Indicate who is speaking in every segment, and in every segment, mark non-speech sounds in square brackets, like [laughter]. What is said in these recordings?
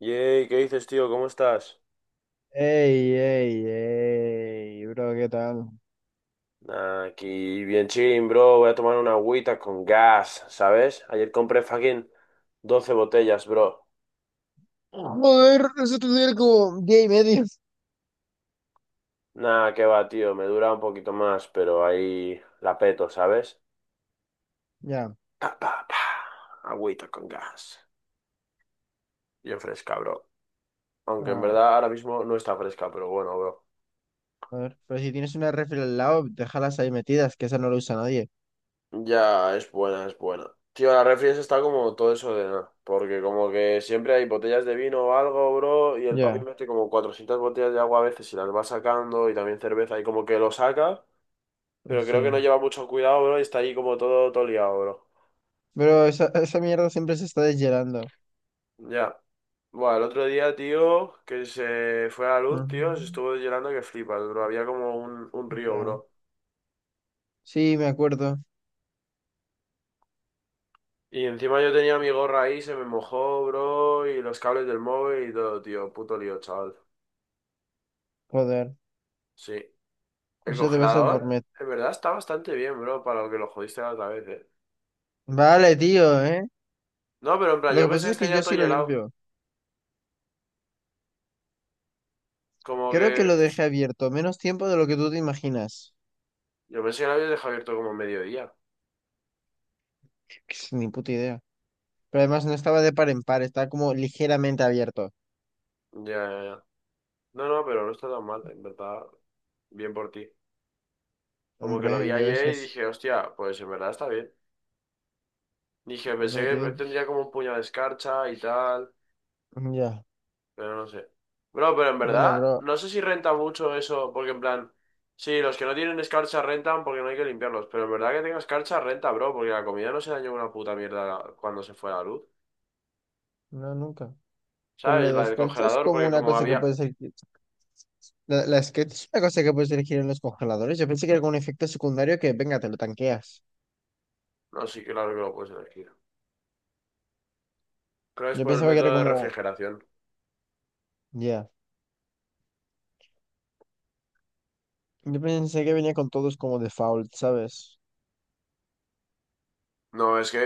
Speaker 1: Yey, ¿qué dices, tío? ¿Cómo estás?
Speaker 2: Ey, ey, ey, bro, ¿qué tal?
Speaker 1: Nah, aquí bien chilling, bro. Voy a tomar una agüita con gas, ¿sabes? Ayer compré fucking 12 botellas, bro.
Speaker 2: Joder, eso estudiar como gay medio.
Speaker 1: Nah, qué va, tío. Me dura un poquito más, pero ahí la peto, ¿sabes?
Speaker 2: Ya.
Speaker 1: Pa, pa, pa. Agüita con gas. Bien fresca, bro. Aunque en
Speaker 2: ah,
Speaker 1: verdad ahora mismo no está fresca, pero bueno, bro.
Speaker 2: a ver, pero si tienes una refri al lado, déjalas ahí metidas, que esa no la usa nadie.
Speaker 1: Ya, es buena, es buena. Tío, la refri esa está como todo eso de nada. Porque como que siempre hay botellas de vino o algo, bro, y el papi
Speaker 2: Ya,
Speaker 1: mete como 400 botellas de agua a veces y las va sacando, y también cerveza, y como que lo saca, pero creo que no
Speaker 2: sí.
Speaker 1: lleva mucho cuidado, bro, y está ahí como todo, todo liado, bro.
Speaker 2: Pero esa mierda siempre se está deshielando.
Speaker 1: Ya. Bueno, el otro día, tío, que se fue a la luz, tío, se
Speaker 2: Ujú.
Speaker 1: estuvo llorando que flipas, bro. Había como un río,
Speaker 2: Ya.
Speaker 1: bro.
Speaker 2: Sí, me acuerdo.
Speaker 1: Y encima yo tenía mi gorra ahí, se me mojó, bro, y los cables del móvil y todo, tío. Puto lío, chaval.
Speaker 2: Joder,
Speaker 1: Sí. El
Speaker 2: eso te pasa por
Speaker 1: congelador,
Speaker 2: met.
Speaker 1: en verdad, está bastante bien, bro, para lo que lo jodiste la otra vez, ¿eh?
Speaker 2: Vale, tío, ¿eh?
Speaker 1: No, pero en plan,
Speaker 2: Lo
Speaker 1: yo
Speaker 2: que
Speaker 1: pensé que
Speaker 2: pasa es
Speaker 1: está
Speaker 2: que yo
Speaker 1: ya todo
Speaker 2: sí lo
Speaker 1: helado.
Speaker 2: limpio.
Speaker 1: Como
Speaker 2: Creo que
Speaker 1: que...
Speaker 2: lo dejé abierto menos tiempo de lo que tú te imaginas.
Speaker 1: Yo pensé que lo habías dejado abierto como a mediodía.
Speaker 2: [laughs] Ni puta idea. Pero además no estaba de par en par, estaba como ligeramente abierto.
Speaker 1: Ya, ya, ya. No, no, pero no está tan mal, en verdad. Bien por ti. Como que lo vi
Speaker 2: Hombre, yo es que
Speaker 1: ayer y
Speaker 2: es...
Speaker 1: dije, hostia, pues en verdad está bien. Dije, pensé
Speaker 2: Bueno,
Speaker 1: que
Speaker 2: tío,
Speaker 1: tendría como un puño de escarcha y tal.
Speaker 2: ya.
Speaker 1: Pero no sé. Bro, pero en
Speaker 2: Bueno,
Speaker 1: verdad,
Speaker 2: bro,
Speaker 1: no sé si renta mucho eso, porque en plan, sí, los que no tienen escarcha rentan porque no hay que limpiarlos, pero en verdad que tenga escarcha renta, bro, porque la comida no se dañó una puta mierda cuando se fue la luz.
Speaker 2: no, nunca. Pero lo
Speaker 1: ¿Sabes?
Speaker 2: de
Speaker 1: La del
Speaker 2: escarcha es
Speaker 1: congelador,
Speaker 2: como
Speaker 1: porque
Speaker 2: una
Speaker 1: como
Speaker 2: cosa que
Speaker 1: había...
Speaker 2: puedes elegir. La escarcha es una cosa que puedes elegir en los congeladores. Yo pensé que era como un efecto secundario que, venga, te lo tanqueas.
Speaker 1: No, sí, claro que lo puedes elegir. Creo que es
Speaker 2: Yo
Speaker 1: por el
Speaker 2: pensaba que era
Speaker 1: método de
Speaker 2: como...
Speaker 1: refrigeración.
Speaker 2: Ya. Yo pensé que venía con todos como default, ¿sabes?
Speaker 1: No, es que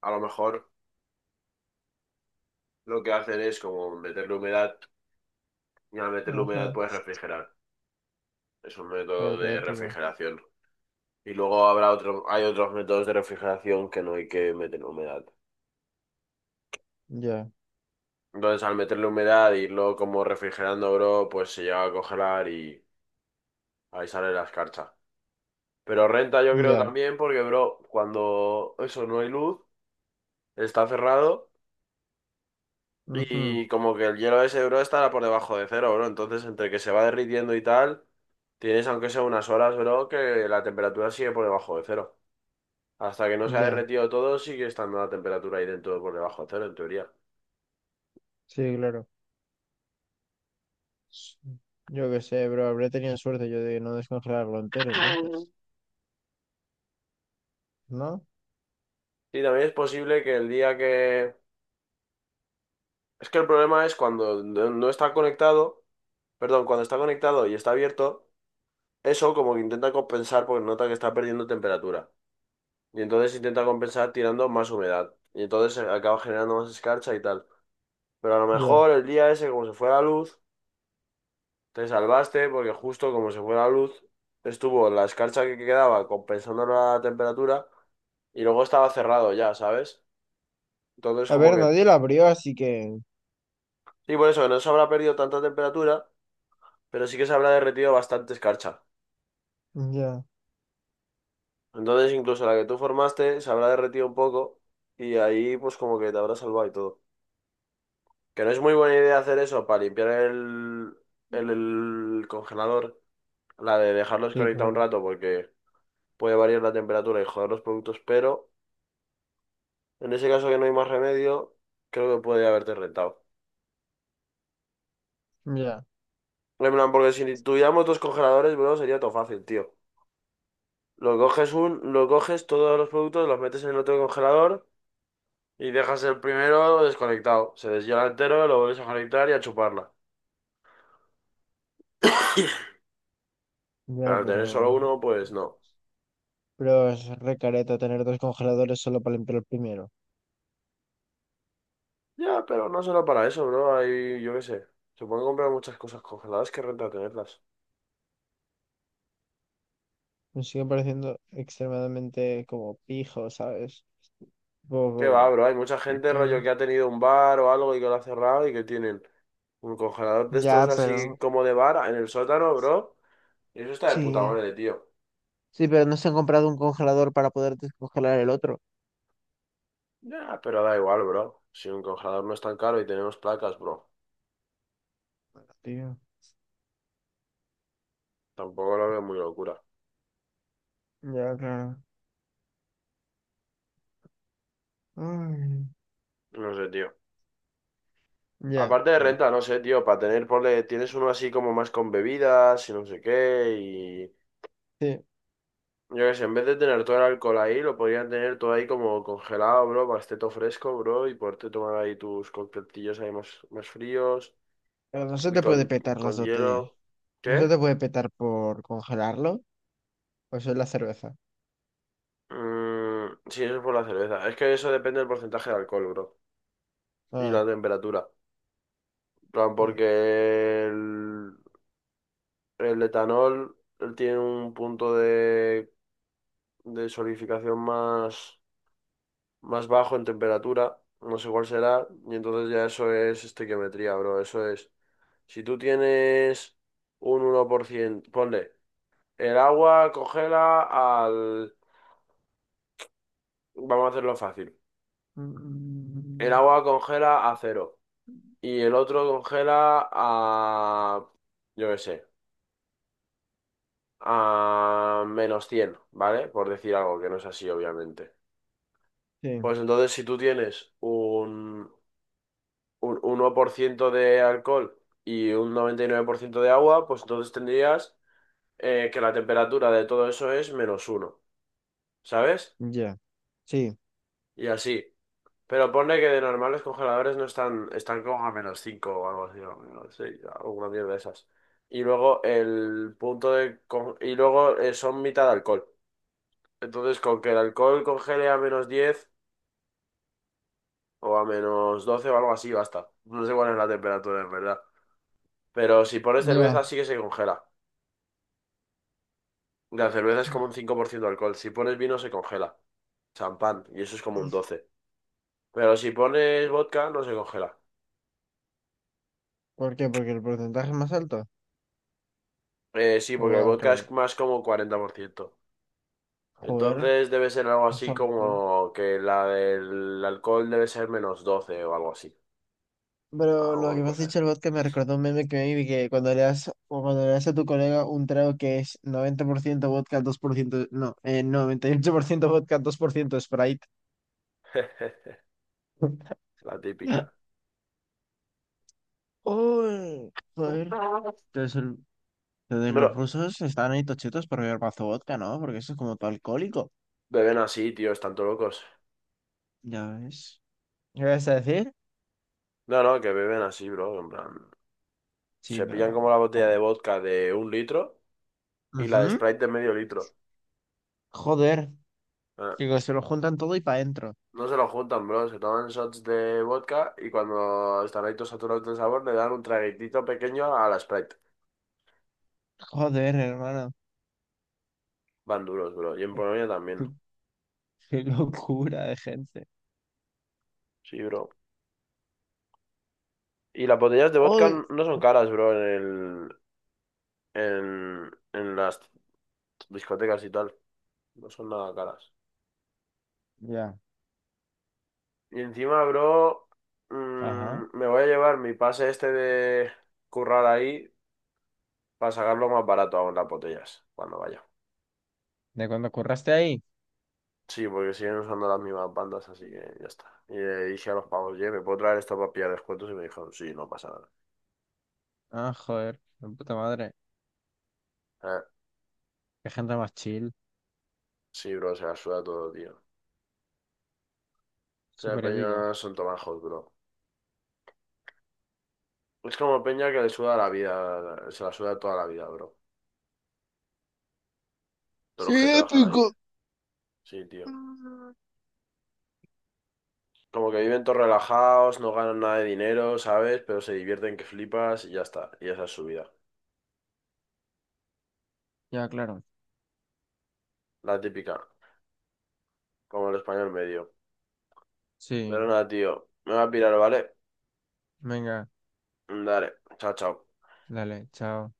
Speaker 1: a lo mejor lo que hacen es como meterle humedad y al meterle humedad
Speaker 2: Ajá.
Speaker 1: puedes refrigerar. Es un método
Speaker 2: Fuerte,
Speaker 1: de
Speaker 2: épico.
Speaker 1: refrigeración. Y luego habrá otro, hay otros métodos de refrigeración que no hay que meter humedad.
Speaker 2: Ya,
Speaker 1: Entonces, al meterle humedad e irlo como refrigerando, bro, pues se llega a congelar y ahí sale la escarcha. Pero renta yo creo
Speaker 2: ya.
Speaker 1: también porque, bro, cuando eso no hay luz, está cerrado
Speaker 2: Ujú.
Speaker 1: y como que el hielo ese, bro, estará por debajo de cero, bro. Entonces, entre que se va derritiendo y tal, tienes aunque sea unas horas, bro, que la temperatura sigue por debajo de cero. Hasta que no se ha
Speaker 2: Ya.
Speaker 1: derretido todo, sigue estando la temperatura ahí dentro por debajo de cero, en teoría.
Speaker 2: Sí, claro. Yo qué sé, bro, habré tenido suerte yo de no descongelarlo entero entonces, ¿no?
Speaker 1: Sí, también es posible que el día que... Es que el problema es cuando no está conectado, perdón, cuando está conectado y está abierto, eso como que intenta compensar porque nota que está perdiendo temperatura. Y entonces intenta compensar tirando más humedad. Y entonces se acaba generando más escarcha y tal. Pero a lo
Speaker 2: Ya.
Speaker 1: mejor el día ese, como se fue la luz, te salvaste porque justo como se fue la luz, estuvo la escarcha que quedaba compensando la temperatura y luego estaba cerrado ya, ¿sabes? Entonces
Speaker 2: A
Speaker 1: como
Speaker 2: ver,
Speaker 1: que...
Speaker 2: nadie lo abrió, así que...
Speaker 1: Sí, por eso que no se habrá perdido tanta temperatura, pero sí que se habrá derretido bastante escarcha.
Speaker 2: Ya.
Speaker 1: Entonces incluso la que tú formaste se habrá derretido un poco y ahí pues como que te habrá salvado y todo. Que no es muy buena idea hacer eso para limpiar el congelador, la de dejarlos
Speaker 2: Sí,
Speaker 1: conectados un
Speaker 2: claro.
Speaker 1: rato porque puede variar la temperatura y joder los productos, pero en ese caso que no hay más remedio, creo que puede haberte rentado.
Speaker 2: Ya.
Speaker 1: En plan, porque si tuviéramos dos congeladores, bro, sería todo fácil, tío. Lo coges lo coges todos los productos, los metes en el otro congelador. Y dejas el primero desconectado. Se deshiela entero, lo vuelves a conectar y a chuparla. [laughs] Pero
Speaker 2: Ya,
Speaker 1: al tener solo
Speaker 2: pero...
Speaker 1: uno, pues no.
Speaker 2: Pero es re careta tener dos congeladores solo para limpiar el primero.
Speaker 1: Ya, pero no solo para eso, bro. Hay, yo qué sé. Se pueden comprar muchas cosas congeladas que renta tenerlas.
Speaker 2: Me sigue pareciendo extremadamente como pijo, ¿sabes?
Speaker 1: Qué va,
Speaker 2: Poco...
Speaker 1: bro. Hay mucha
Speaker 2: ¿Por
Speaker 1: gente,
Speaker 2: qué?
Speaker 1: rollo, que ha tenido un bar o algo y que lo ha cerrado y que tienen un congelador de estos
Speaker 2: Ya,
Speaker 1: así
Speaker 2: pero...
Speaker 1: como de bar en el sótano, bro. Y eso está de puta
Speaker 2: Sí.
Speaker 1: madre, tío.
Speaker 2: Sí, pero no se han comprado un congelador para poder descongelar el otro.
Speaker 1: Ya, pero da igual, bro. Si un congelador no es tan caro y tenemos placas, bro.
Speaker 2: Tío.
Speaker 1: Tampoco lo veo muy locura.
Speaker 2: Ya, claro. Ay.
Speaker 1: No sé, tío.
Speaker 2: Ya.
Speaker 1: Aparte de renta, no sé, tío, para tener, ponle, tienes uno así como más con bebidas y no sé qué, y
Speaker 2: Este,
Speaker 1: yo qué sé, en vez de tener todo el alcohol ahí, lo podrían tener todo ahí como congelado, bro, para que esté todo fresco, bro, y poderte tomar ahí tus coctelillos ahí más fríos
Speaker 2: pero no se
Speaker 1: y
Speaker 2: te puede
Speaker 1: con,
Speaker 2: petar las
Speaker 1: con
Speaker 2: botellas.
Speaker 1: hielo.
Speaker 2: No se
Speaker 1: ¿Qué?
Speaker 2: te puede petar por congelarlo. O eso es la cerveza.
Speaker 1: Mm, sí, eso es por la cerveza. Es que eso depende del porcentaje de alcohol, bro, y
Speaker 2: Ah,
Speaker 1: la temperatura. En plan,
Speaker 2: ya.
Speaker 1: porque el etanol él tiene un punto de solidificación más bajo en temperatura, no sé cuál será, y entonces ya eso es estequiometría, bro, eso es. Si tú tienes un 1% ponle, el agua congela al... Vamos a hacerlo fácil. El
Speaker 2: Mm.
Speaker 1: agua congela a 0 y el otro congela a... yo qué sé, a -100, ¿vale? Por decir algo que no es así, obviamente.
Speaker 2: Sí,
Speaker 1: Pues entonces, si tú tienes un 1% de alcohol y un 99% de agua, pues entonces tendrías que la temperatura de todo eso es -1, ¿sabes?
Speaker 2: ya. Sí,
Speaker 1: Y así. Pero ponle que de normal los congeladores no están, están como a -5 o algo así, o menos 6, alguna mierda de esas. Y luego el punto de... con- Y luego son mitad alcohol. Entonces con que el alcohol congele a -10 o a menos 12 o algo así, basta. No sé cuál es la temperatura en verdad. Pero si pones
Speaker 2: ya.
Speaker 1: cerveza sí que se congela. La cerveza es como un 5% de alcohol. Si pones vino se congela. Champán, y eso es como un doce. Pero si pones vodka no se congela.
Speaker 2: ¿Por qué? ¿Porque el porcentaje es más alto?
Speaker 1: Sí, porque el
Speaker 2: O al
Speaker 1: vodka
Speaker 2: revés.
Speaker 1: es más como 40%.
Speaker 2: Joder,
Speaker 1: Entonces debe ser algo
Speaker 2: más
Speaker 1: así
Speaker 2: alcohol.
Speaker 1: como que la del alcohol debe ser -12 o algo así.
Speaker 2: Pero lo que
Speaker 1: Alguna
Speaker 2: me has
Speaker 1: cosa
Speaker 2: dicho
Speaker 1: esa.
Speaker 2: el vodka me recordó un meme que me vi que cuando le das, o cuando le das a tu colega un trago que es 90% vodka, 2%, no, 98% vodka, 2% Sprite.
Speaker 1: [laughs] La típica.
Speaker 2: [laughs] ¡Oh! Joder. Entonces, entonces los
Speaker 1: Bro,
Speaker 2: rusos están ahí tochitos por beber mazo vodka, ¿no? Porque eso es como todo alcohólico.
Speaker 1: beben así, tío, están todos locos.
Speaker 2: Ya ves. ¿Qué vas a decir?
Speaker 1: No, no, que beben así, bro. En plan,
Speaker 2: Sí,
Speaker 1: se pillan como
Speaker 2: pero...
Speaker 1: la botella de
Speaker 2: bueno.
Speaker 1: vodka de 1 litro y la de
Speaker 2: Ujú.
Speaker 1: Sprite de medio litro.
Speaker 2: Joder.
Speaker 1: Ah,
Speaker 2: Digo, se lo juntan todo y para adentro.
Speaker 1: no se lo juntan, bro. Se toman shots de vodka y cuando están ahí todos saturados de sabor le dan un traguitito pequeño a la Sprite.
Speaker 2: Joder, hermano.
Speaker 1: Van duros, bro. Y en Polonia también.
Speaker 2: Qué, qué locura de gente.
Speaker 1: Sí, bro. Y las botellas de vodka
Speaker 2: ¡Uy!
Speaker 1: no son caras, bro, en en las discotecas y tal. No son nada caras.
Speaker 2: Ya,
Speaker 1: Y encima, bro,
Speaker 2: ajá.
Speaker 1: me voy a llevar mi pase este de currar ahí para sacarlo más barato aún las botellas cuando vaya.
Speaker 2: ¿De cuando curraste ahí?
Speaker 1: Sí, porque siguen usando las mismas bandas, así que ya está. Y le dije a los pavos, oye, ¿me puedo traer esto para pillar descuentos? Y me dijeron, sí, no pasa nada.
Speaker 2: Ah, joder, de puta madre.
Speaker 1: Eh,
Speaker 2: Qué gente más chill.
Speaker 1: sí, bro, se la suda todo, tío. O sea,
Speaker 2: Súper épico.
Speaker 1: peña son tomajos, bro. Es como peña que le suda la vida, se la suda toda la vida, bro. Todos los que
Speaker 2: Sí.
Speaker 1: trabajan ahí. Sí, tío. Como que viven todos relajados, no ganan nada de dinero, ¿sabes? Pero se divierten que flipas y ya está. Y esa es su vida.
Speaker 2: Ya, claro.
Speaker 1: La típica, como el español medio. Pero
Speaker 2: Sí,
Speaker 1: nada, tío. Me voy a pirar, ¿vale?
Speaker 2: venga,
Speaker 1: Dale. Chao, chao.
Speaker 2: dale, chao.